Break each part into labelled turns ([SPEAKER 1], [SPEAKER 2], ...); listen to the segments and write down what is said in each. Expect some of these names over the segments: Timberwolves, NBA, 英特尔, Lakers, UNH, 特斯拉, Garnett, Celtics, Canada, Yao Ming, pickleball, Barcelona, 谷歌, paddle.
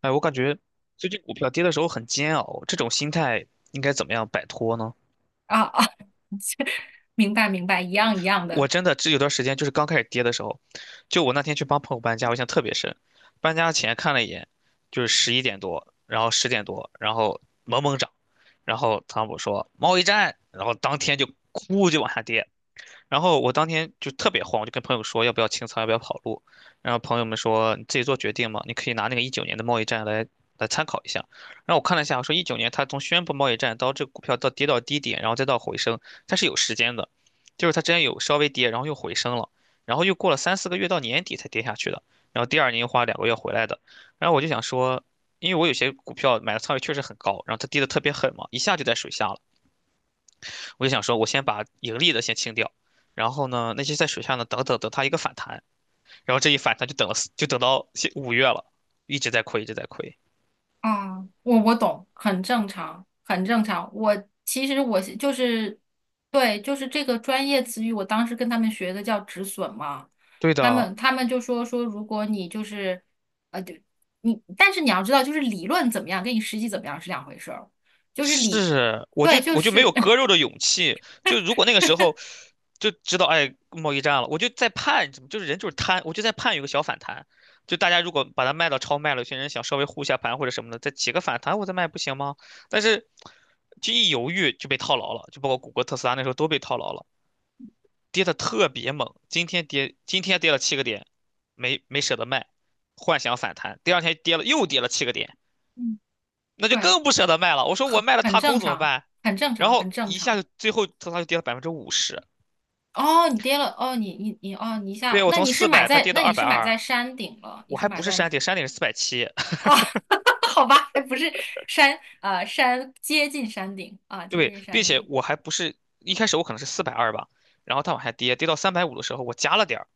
[SPEAKER 1] 哎，我感觉最近股票跌的时候很煎熬，这种心态应该怎么样摆脱呢？
[SPEAKER 2] 啊啊，明白明白，一样一样
[SPEAKER 1] 我
[SPEAKER 2] 的
[SPEAKER 1] 真的这有段时间就是刚开始跌的时候，就我那天去帮朋友搬家，我印象特别深。搬家前看了一眼，就是十一点多，然后十点多，然后猛猛涨，然后汤姆说贸易战，然后当天就哭就往下跌，然后我当天就特别慌，我就跟朋友说要不要清仓，要不要跑路。然后朋友们说你自己做决定嘛，你可以拿那个一九年的贸易战来参考一下。然后我看了一下，我说一九年它从宣布贸易战到这个股票到跌到低点，然后再到回升，它是有时间的，就是它之前有稍微跌，然后又回升了，然后又过了3、4个月到年底才跌下去的，然后第二年又花2个月回来的。然后我就想说，因为我有些股票买的仓位确实很高，然后它跌的特别狠嘛，一下就在水下了。我就想说，我先把盈利的先清掉，然后呢，那些在水下呢，等它一个反弹，然后这一反弹就等到现五月了，一直在亏，一直在亏。
[SPEAKER 2] 啊，我懂，很正常，很正常。我其实就是，对，就是这个专业词语，我当时跟他们学的叫止损嘛，
[SPEAKER 1] 对
[SPEAKER 2] 他
[SPEAKER 1] 的，
[SPEAKER 2] 们他们就说，如果你就是对你，但是你要知道，就是理论怎么样，跟你实际怎么样是两回事儿，就是理，
[SPEAKER 1] 是，我就
[SPEAKER 2] 对，就
[SPEAKER 1] 我就没
[SPEAKER 2] 是，
[SPEAKER 1] 有割肉 的勇气，就如果那个时候就知道哎贸易战了，我就在盼，就是人就是贪，我就在盼有个小反弹。就大家如果把它卖到超卖了，有些人想稍微护一下盘或者什么的，再起个反弹我再卖不行吗？但是，就一犹豫就被套牢了，就包括谷歌、特斯拉那时候都被套牢了。跌的特别猛，今天跌今天跌了七个点，没舍得卖，幻想反弹，第二天跌了又跌了七个点，
[SPEAKER 2] 嗯，
[SPEAKER 1] 那就
[SPEAKER 2] 对，
[SPEAKER 1] 更不舍得卖了。我说我卖了
[SPEAKER 2] 很
[SPEAKER 1] 踏
[SPEAKER 2] 正
[SPEAKER 1] 空怎么
[SPEAKER 2] 常，
[SPEAKER 1] 办？
[SPEAKER 2] 很正
[SPEAKER 1] 然
[SPEAKER 2] 常，
[SPEAKER 1] 后
[SPEAKER 2] 很正
[SPEAKER 1] 一
[SPEAKER 2] 常。
[SPEAKER 1] 下就最后它就跌了百分之五十，
[SPEAKER 2] 哦，你跌了，哦，你，哦，你一
[SPEAKER 1] 对
[SPEAKER 2] 下，
[SPEAKER 1] 我从四百它跌到
[SPEAKER 2] 那
[SPEAKER 1] 二
[SPEAKER 2] 你
[SPEAKER 1] 百
[SPEAKER 2] 是买
[SPEAKER 1] 二，
[SPEAKER 2] 在山顶了，你
[SPEAKER 1] 我
[SPEAKER 2] 是
[SPEAKER 1] 还
[SPEAKER 2] 买
[SPEAKER 1] 不是
[SPEAKER 2] 在，
[SPEAKER 1] 山顶，山顶是470，
[SPEAKER 2] 哦，好吧，还不是山，啊，山接近山顶啊，接
[SPEAKER 1] 对，
[SPEAKER 2] 近
[SPEAKER 1] 并
[SPEAKER 2] 山
[SPEAKER 1] 且
[SPEAKER 2] 顶，
[SPEAKER 1] 我还不是一开始我可能是420吧，然后它往下跌，跌到350的时候我加了点儿。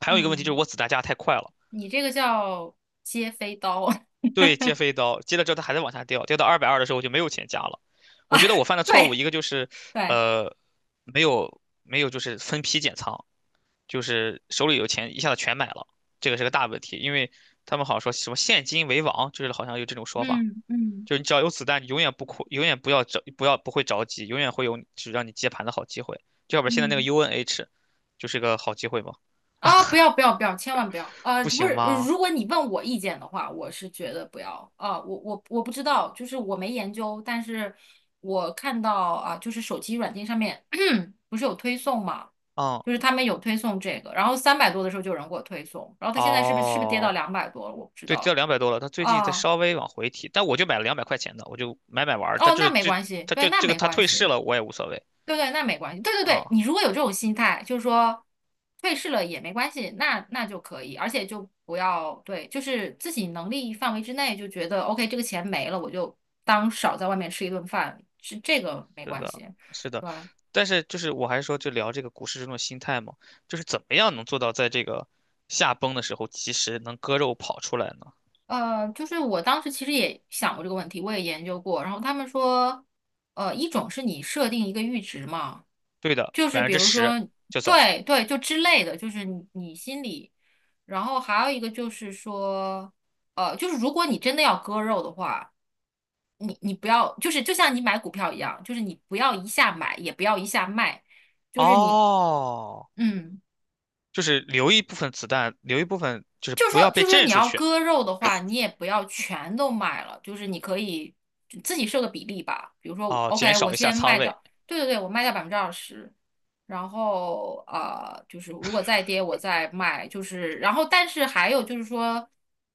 [SPEAKER 1] 还有一个问题就是
[SPEAKER 2] 嗯，
[SPEAKER 1] 我子弹加的太快了。
[SPEAKER 2] 你这个叫接飞刀，
[SPEAKER 1] 对，接飞刀，接了之后它还在往下掉，掉到二百二的时候我就没有钱加了。我觉得我犯的错误
[SPEAKER 2] 对
[SPEAKER 1] 一个就是，
[SPEAKER 2] 对，
[SPEAKER 1] 呃，没有就是分批减仓，就是手里有钱一下子全买了，这个是个大问题，因为他们好像说什么现金为王，就是好像有这种说法，
[SPEAKER 2] 嗯嗯
[SPEAKER 1] 就是你只要有子弹，你永远不哭，永远不要着，不要不会着急，永远会有就是让你接盘的好机会。就要不然现在那个
[SPEAKER 2] 嗯。
[SPEAKER 1] UNH 就是个好机会嘛，
[SPEAKER 2] 啊，不要不要不要，千万不要！
[SPEAKER 1] 不
[SPEAKER 2] 不
[SPEAKER 1] 行
[SPEAKER 2] 是，
[SPEAKER 1] 吗？
[SPEAKER 2] 如果你问我意见的话，我是觉得不要啊、我不知道，就是我没研究，但是我看到啊、就是手机软件上面 不是有推送嘛，
[SPEAKER 1] 嗯，
[SPEAKER 2] 就是他们有推送这个，然后三百多的时候就有人给我推送，然后他现在是不是跌到
[SPEAKER 1] 哦。
[SPEAKER 2] 200多了？我不知
[SPEAKER 1] 对，掉
[SPEAKER 2] 道
[SPEAKER 1] 200多了，他最近在
[SPEAKER 2] 啊。
[SPEAKER 1] 稍微往回提，但我就买了200块钱的，我就买买玩儿。它
[SPEAKER 2] 哦，
[SPEAKER 1] 就
[SPEAKER 2] 那
[SPEAKER 1] 是
[SPEAKER 2] 没
[SPEAKER 1] 这，
[SPEAKER 2] 关系，
[SPEAKER 1] 他
[SPEAKER 2] 对，
[SPEAKER 1] 就
[SPEAKER 2] 那
[SPEAKER 1] 这个
[SPEAKER 2] 没
[SPEAKER 1] 他
[SPEAKER 2] 关
[SPEAKER 1] 退市
[SPEAKER 2] 系。
[SPEAKER 1] 了，我也无所谓
[SPEAKER 2] 对对，那没关系。对对对，你
[SPEAKER 1] 啊。
[SPEAKER 2] 如果有这种心态，就是说退市了也没关系，那就可以，而且就不要对，就是自己能力范围之内，就觉得 OK，这个钱没了，我就当少在外面吃一顿饭，是这个没
[SPEAKER 1] 是
[SPEAKER 2] 关系。
[SPEAKER 1] 的，是的，
[SPEAKER 2] 对，吧？
[SPEAKER 1] 但是就是我还是说，就聊这个股市这种心态嘛，就是怎么样能做到在这个下崩的时候及时能割肉跑出来呢？
[SPEAKER 2] 就是我当时其实也想过这个问题，我也研究过。然后他们说，一种是你设定一个阈值嘛，
[SPEAKER 1] 对的，
[SPEAKER 2] 就是
[SPEAKER 1] 百分
[SPEAKER 2] 比
[SPEAKER 1] 之
[SPEAKER 2] 如
[SPEAKER 1] 十
[SPEAKER 2] 说，
[SPEAKER 1] 就走。
[SPEAKER 2] 对对，就之类的，就是你心里。然后还有一个就是说，就是如果你真的要割肉的话，你不要，就是就像你买股票一样，就是你不要一下买，也不要一下卖，就是你，
[SPEAKER 1] 哦，
[SPEAKER 2] 嗯。
[SPEAKER 1] 就是留一部分子弹，留一部分就是
[SPEAKER 2] 就
[SPEAKER 1] 不
[SPEAKER 2] 说
[SPEAKER 1] 要
[SPEAKER 2] 就
[SPEAKER 1] 被
[SPEAKER 2] 说
[SPEAKER 1] 震
[SPEAKER 2] 你
[SPEAKER 1] 出
[SPEAKER 2] 要
[SPEAKER 1] 去
[SPEAKER 2] 割肉的话，你也不要全都卖了，就是你可以自己设个比例吧。比如说
[SPEAKER 1] 哦，减
[SPEAKER 2] ，OK，我
[SPEAKER 1] 少一下
[SPEAKER 2] 先
[SPEAKER 1] 仓
[SPEAKER 2] 卖
[SPEAKER 1] 位
[SPEAKER 2] 掉，对对对，我卖掉百分之二十，然后就是如果再跌我再卖，就是然后但是还有就是说，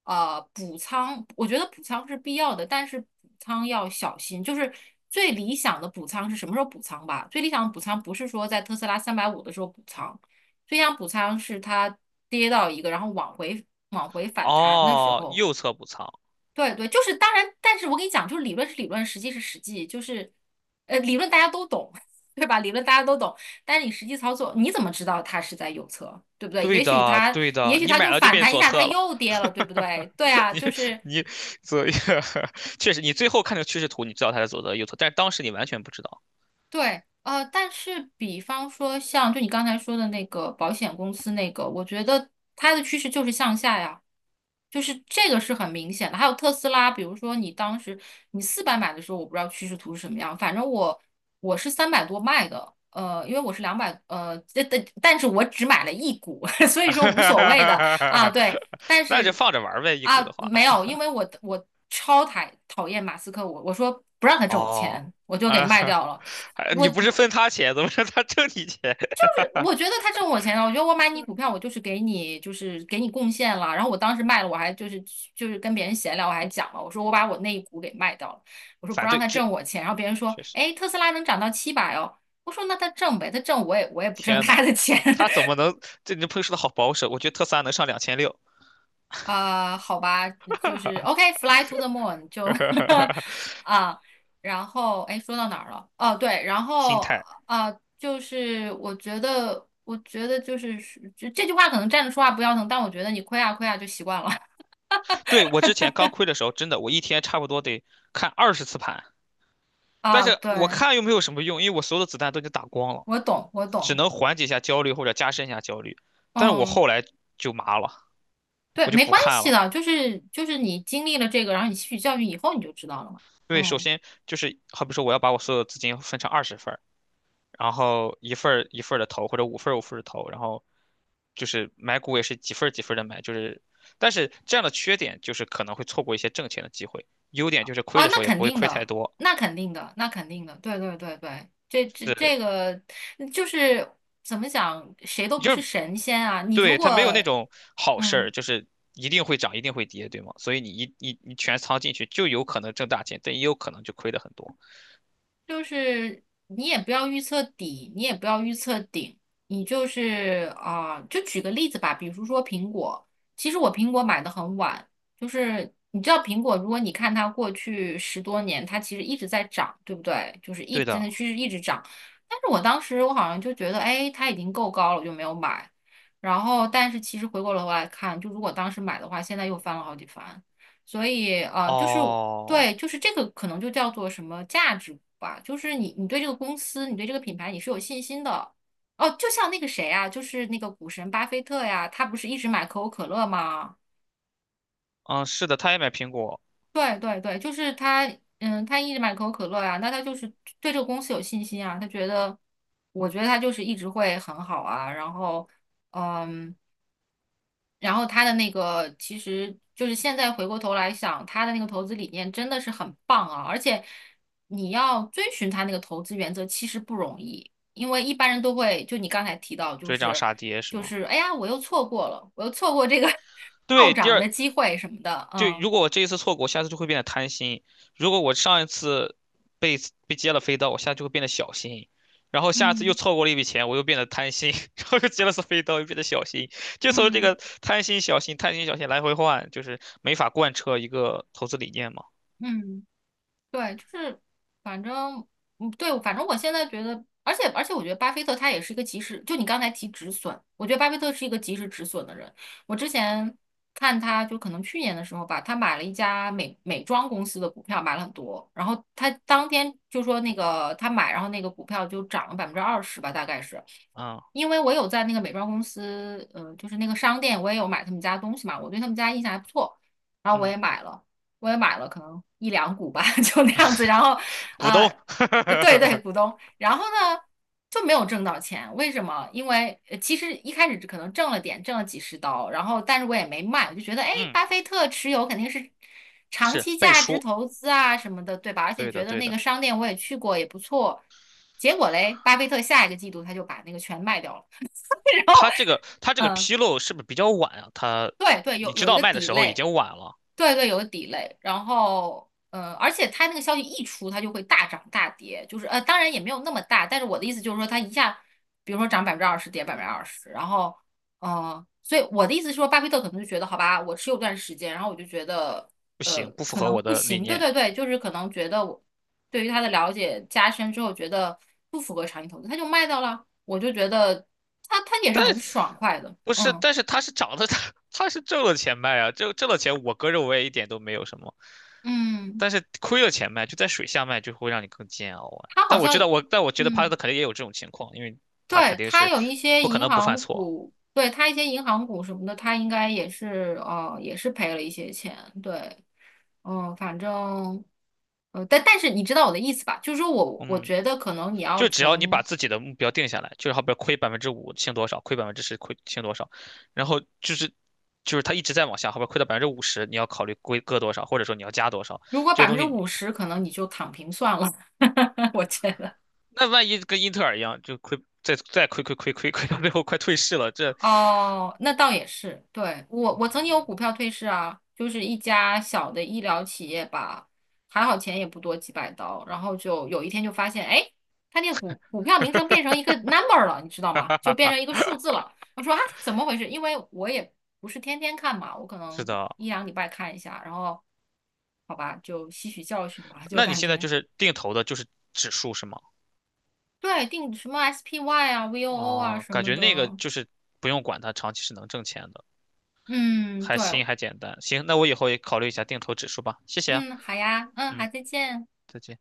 [SPEAKER 2] 补仓，我觉得补仓是必要的，但是补仓要小心，就是最理想的补仓是什么时候补仓吧？最理想的补仓不是说在特斯拉350的时候补仓。飞翔补仓是它跌到一个，然后往回反弹的时
[SPEAKER 1] 哦，
[SPEAKER 2] 候，
[SPEAKER 1] 右侧补仓
[SPEAKER 2] 对对，就是当然，但是我跟你讲，就是理论是理论，实际是实际，就是理论大家都懂，对吧？理论大家都懂，但是你实际操作，你怎么知道它是在右侧，对不对？
[SPEAKER 1] 对的，对
[SPEAKER 2] 也
[SPEAKER 1] 的，
[SPEAKER 2] 许
[SPEAKER 1] 你
[SPEAKER 2] 它
[SPEAKER 1] 买
[SPEAKER 2] 就
[SPEAKER 1] 了就
[SPEAKER 2] 反
[SPEAKER 1] 变
[SPEAKER 2] 弹一
[SPEAKER 1] 左
[SPEAKER 2] 下，它
[SPEAKER 1] 侧了。
[SPEAKER 2] 又跌了，对不 对？对啊，
[SPEAKER 1] 你
[SPEAKER 2] 就是。
[SPEAKER 1] 你左右，确实，你最后看这个趋势图，你知道它是左侧右侧，但是当时你完全不知道。
[SPEAKER 2] 对，但是比方说像就你刚才说的那个保险公司那个，我觉得它的趋势就是向下呀，就是这个是很明显的。还有特斯拉，比如说你当时400买的时候，我不知道趋势图是什么样，反正我是三百多卖的，因为我是两百，但是我只买了一股，所以 说无所谓的啊，对，但
[SPEAKER 1] 那就
[SPEAKER 2] 是。
[SPEAKER 1] 放着玩儿呗，一股的
[SPEAKER 2] 啊，
[SPEAKER 1] 话。
[SPEAKER 2] 没有，因为我超讨厌马斯克，我说不让他挣我
[SPEAKER 1] 哦，
[SPEAKER 2] 钱，我就给
[SPEAKER 1] 啊，
[SPEAKER 2] 卖掉了。
[SPEAKER 1] 还
[SPEAKER 2] 我
[SPEAKER 1] 你不是分他钱，怎么让他挣你钱？
[SPEAKER 2] 我觉 得他挣我钱了，我觉得我买你股票，我就是给你贡献了。然后我当时卖了，我还就是跟别人闲聊，我还讲了，我说我把我那一股给卖掉了，我说不
[SPEAKER 1] 反
[SPEAKER 2] 让
[SPEAKER 1] 对
[SPEAKER 2] 他
[SPEAKER 1] 这
[SPEAKER 2] 挣我钱。然后别人说，
[SPEAKER 1] 确实，
[SPEAKER 2] 哎，特斯拉能涨到700哦，我说那他挣呗，他挣我也不挣
[SPEAKER 1] 天呐，
[SPEAKER 2] 他的钱。
[SPEAKER 1] 他 怎么能？这你朋友说的好保守，我觉得特斯拉能上2600，
[SPEAKER 2] 啊、好吧，就是 OK，Fly、to the Moon 就 啊，然后哎，说到哪儿了？哦、对，然
[SPEAKER 1] 心
[SPEAKER 2] 后
[SPEAKER 1] 态。
[SPEAKER 2] 啊、就是我觉得，我觉得就是这句话可能站着说话不腰疼，但我觉得你亏啊亏啊就习惯了
[SPEAKER 1] 对，我之前刚亏的时候，真的我一天差不多得看20次盘，但
[SPEAKER 2] 啊。
[SPEAKER 1] 是我
[SPEAKER 2] 对，
[SPEAKER 1] 看又没有什么用，因为我所有的子弹都已经打光了，
[SPEAKER 2] 我懂，我
[SPEAKER 1] 只
[SPEAKER 2] 懂，
[SPEAKER 1] 能缓解一下焦虑或者加深一下焦虑。但是我
[SPEAKER 2] 嗯，
[SPEAKER 1] 后来就麻了，
[SPEAKER 2] 对，
[SPEAKER 1] 我就
[SPEAKER 2] 没
[SPEAKER 1] 不
[SPEAKER 2] 关
[SPEAKER 1] 看
[SPEAKER 2] 系
[SPEAKER 1] 了，
[SPEAKER 2] 的，就是你经历了这个，然后你吸取教训以后，你就知道了嘛。
[SPEAKER 1] 因为首
[SPEAKER 2] 嗯。
[SPEAKER 1] 先就是好比说我要把我所有的资金分成20份儿然后一份儿一份的投，或者五份儿五份的投，然后就是买股也是几份儿几份的买，就是但是这样的缺点就是可能会错过一些挣钱的机会，优点就是亏
[SPEAKER 2] 啊，
[SPEAKER 1] 的时
[SPEAKER 2] 那
[SPEAKER 1] 候也
[SPEAKER 2] 肯
[SPEAKER 1] 不会
[SPEAKER 2] 定
[SPEAKER 1] 亏太
[SPEAKER 2] 的，
[SPEAKER 1] 多，
[SPEAKER 2] 那肯定的，那肯定的，对对对对，这这
[SPEAKER 1] 是
[SPEAKER 2] 这个就是怎么讲，谁都不是神仙啊。你如
[SPEAKER 1] 对，它没有
[SPEAKER 2] 果
[SPEAKER 1] 那种好事儿，
[SPEAKER 2] 嗯。
[SPEAKER 1] 就是一定会涨，一定会跌，对吗？所以你一你你全仓进去，就有可能挣大钱，但也有可能就亏的很多。
[SPEAKER 2] 就是你也不要预测底，你也不要预测顶，你就是啊、就举个例子吧，比如说苹果，其实我苹果买的很晚，就是你知道苹果，如果你看它过去10多年，它其实一直在涨，对不对？就是
[SPEAKER 1] 对
[SPEAKER 2] 真
[SPEAKER 1] 的，
[SPEAKER 2] 的趋势一直涨，但是我当时好像就觉得，哎，它已经够高了，我就没有买。然后，但是其实回过头来看，就如果当时买的话，现在又翻了好几番。所以就是
[SPEAKER 1] 哦，
[SPEAKER 2] 对，就是这个可能就叫做什么价值吧，就是你对这个公司，你对这个品牌你是有信心的。哦，就像那个谁啊，就是那个股神巴菲特呀，他不是一直买可口可乐吗？
[SPEAKER 1] 嗯，是的，他也买苹果，
[SPEAKER 2] 对对对，就是他，嗯，他一直买可口可乐呀，那他就是对这个公司有信心啊，他觉得，我觉得他就是一直会很好啊，然后，嗯。然后他的那个其实就是现在回过头来想，他的那个投资理念真的是很棒啊，而且你要遵循他那个投资原则其实不容易，因为一般人都会就你刚才提到，就
[SPEAKER 1] 追涨
[SPEAKER 2] 是
[SPEAKER 1] 杀跌是
[SPEAKER 2] 就
[SPEAKER 1] 吗？
[SPEAKER 2] 是哎呀，我又错过了，我又错过这个 暴
[SPEAKER 1] 对，第
[SPEAKER 2] 涨的
[SPEAKER 1] 二
[SPEAKER 2] 机会什么的，
[SPEAKER 1] 就
[SPEAKER 2] 嗯
[SPEAKER 1] 如果我这一次错过，我下次就会变得贪心；如果我上一次被被接了飞刀，我下次就会变得小心。然后下次又
[SPEAKER 2] 嗯
[SPEAKER 1] 错过了一笔钱，我又变得贪心，然后又接了次飞刀，又变得小心。就从这
[SPEAKER 2] 嗯
[SPEAKER 1] 个贪心、小心、贪心、小心来回换，就是没法贯彻一个投资理念嘛。
[SPEAKER 2] 嗯。对，就是反正，嗯，对，反正我现在觉得，而且而且，我觉得巴菲特他也是一个及时，就你刚才提止损，我觉得巴菲特是一个及时止损的人。我之前看他，就可能去年的时候吧，他买了一家美妆公司的股票，买了很多，然后他当天就说那个他买，然后那个股票就涨了百分之二十吧，大概是。
[SPEAKER 1] 啊，
[SPEAKER 2] 因为我有在那个美妆公司，嗯、就是那个商店，我也有买他们家东西嘛，我对他们家印象还不错，然后我
[SPEAKER 1] 嗯，
[SPEAKER 2] 也买了。可能一两股吧，就那样子。然后，
[SPEAKER 1] 股东，
[SPEAKER 2] 呃，对对，股 东。然后呢，就没有挣到钱。为什么？因为其实一开始可能挣了点，挣了几十刀。然后，但是我也没卖，我就觉得，哎，
[SPEAKER 1] 嗯，
[SPEAKER 2] 巴菲特持有肯定是长
[SPEAKER 1] 是
[SPEAKER 2] 期
[SPEAKER 1] 背
[SPEAKER 2] 价值
[SPEAKER 1] 书，
[SPEAKER 2] 投资啊什么的，对吧？而且
[SPEAKER 1] 对
[SPEAKER 2] 觉
[SPEAKER 1] 的，
[SPEAKER 2] 得
[SPEAKER 1] 对
[SPEAKER 2] 那
[SPEAKER 1] 的。
[SPEAKER 2] 个商店我也去过，也不错。结果嘞，巴菲特下一个季度他就把那个全卖掉了。然后，
[SPEAKER 1] 他这个
[SPEAKER 2] 嗯，
[SPEAKER 1] 披露是不是比较晚啊？他
[SPEAKER 2] 对对，
[SPEAKER 1] 你
[SPEAKER 2] 有
[SPEAKER 1] 知
[SPEAKER 2] 有一
[SPEAKER 1] 道
[SPEAKER 2] 个
[SPEAKER 1] 卖的时候已
[SPEAKER 2] delay。
[SPEAKER 1] 经晚了，
[SPEAKER 2] 对对，有个 d e 然后而且它那个消息一出，它就会大涨大跌，就是当然也没有那么大，但是我的意思就是说，它一下，比如说涨百分之二十，跌百分之二十，然后所以我的意思是说，巴菲特可能就觉得好吧，我持有段时间，然后我就觉得
[SPEAKER 1] 不行，不符
[SPEAKER 2] 可
[SPEAKER 1] 合
[SPEAKER 2] 能
[SPEAKER 1] 我
[SPEAKER 2] 不
[SPEAKER 1] 的理
[SPEAKER 2] 行，对
[SPEAKER 1] 念。
[SPEAKER 2] 对对，就是可能觉得我对于他的了解加深之后，觉得不符合长期投资，他就卖掉了，我就觉得他也是很
[SPEAKER 1] 但
[SPEAKER 2] 爽快的，
[SPEAKER 1] 不是，
[SPEAKER 2] 嗯
[SPEAKER 1] 但是他是涨的，他 他是挣了钱卖啊，挣了钱，我也一点都没有什么，
[SPEAKER 2] 嗯，
[SPEAKER 1] 但是亏了钱卖，就在水下卖就会让你更煎熬啊。
[SPEAKER 2] 他好
[SPEAKER 1] 但我
[SPEAKER 2] 像
[SPEAKER 1] 知道
[SPEAKER 2] 也
[SPEAKER 1] 我，但我觉得帕
[SPEAKER 2] 嗯。
[SPEAKER 1] 特肯定也有这种情况，因为他肯
[SPEAKER 2] 对，
[SPEAKER 1] 定
[SPEAKER 2] 它
[SPEAKER 1] 是
[SPEAKER 2] 有一些
[SPEAKER 1] 不可
[SPEAKER 2] 银
[SPEAKER 1] 能不犯
[SPEAKER 2] 行
[SPEAKER 1] 错，
[SPEAKER 2] 股，对，它一些银行股什么的，它应该也是也是赔了一些钱，对，嗯，反正但是你知道我的意思吧？就是说我
[SPEAKER 1] 嗯，
[SPEAKER 2] 觉得可能你要
[SPEAKER 1] 就只要你把
[SPEAKER 2] 从
[SPEAKER 1] 自己的目标定下来，就是好比亏百分之五清多少，亏百分之十亏清多少，然后就是他一直在往下，好比亏到百分之五十，你要考虑亏割多少，或者说你要加多少，
[SPEAKER 2] 如果
[SPEAKER 1] 这
[SPEAKER 2] 百
[SPEAKER 1] 个
[SPEAKER 2] 分
[SPEAKER 1] 东
[SPEAKER 2] 之
[SPEAKER 1] 西
[SPEAKER 2] 五十，可能你就躺平算了，我觉得。
[SPEAKER 1] 那万一跟英特尔一样，就亏再亏到最后快退市了，这
[SPEAKER 2] 哦，那倒也是。对，我曾经有股
[SPEAKER 1] 嗯，
[SPEAKER 2] 票退市啊，就是一家小的医疗企业吧，还好钱也不多，几百刀。然后就有一天就发现，哎，它那个股票名称变成一个 number 了，你知道
[SPEAKER 1] 哈
[SPEAKER 2] 吗？
[SPEAKER 1] 哈
[SPEAKER 2] 就
[SPEAKER 1] 哈
[SPEAKER 2] 变
[SPEAKER 1] 哈
[SPEAKER 2] 成一个数字了。我说啊，怎么回事？因为我也不是天天看嘛，我可
[SPEAKER 1] 是
[SPEAKER 2] 能
[SPEAKER 1] 的。
[SPEAKER 2] 一两礼拜看一下，然后好吧，就吸取教训吧，就
[SPEAKER 1] 那你
[SPEAKER 2] 感
[SPEAKER 1] 现在
[SPEAKER 2] 觉
[SPEAKER 1] 就是定投的，就是指数是吗？
[SPEAKER 2] 对定什么 SPY 啊、VOO 啊
[SPEAKER 1] 哦，
[SPEAKER 2] 什
[SPEAKER 1] 感
[SPEAKER 2] 么
[SPEAKER 1] 觉那个
[SPEAKER 2] 的。
[SPEAKER 1] 就是不用管它，长期是能挣钱的，
[SPEAKER 2] 嗯，
[SPEAKER 1] 还
[SPEAKER 2] 对，
[SPEAKER 1] 新还简单。行，那我以后也考虑一下定投指数吧。谢谢啊，
[SPEAKER 2] 嗯，好呀，嗯，
[SPEAKER 1] 嗯，
[SPEAKER 2] 好，再见。
[SPEAKER 1] 再见。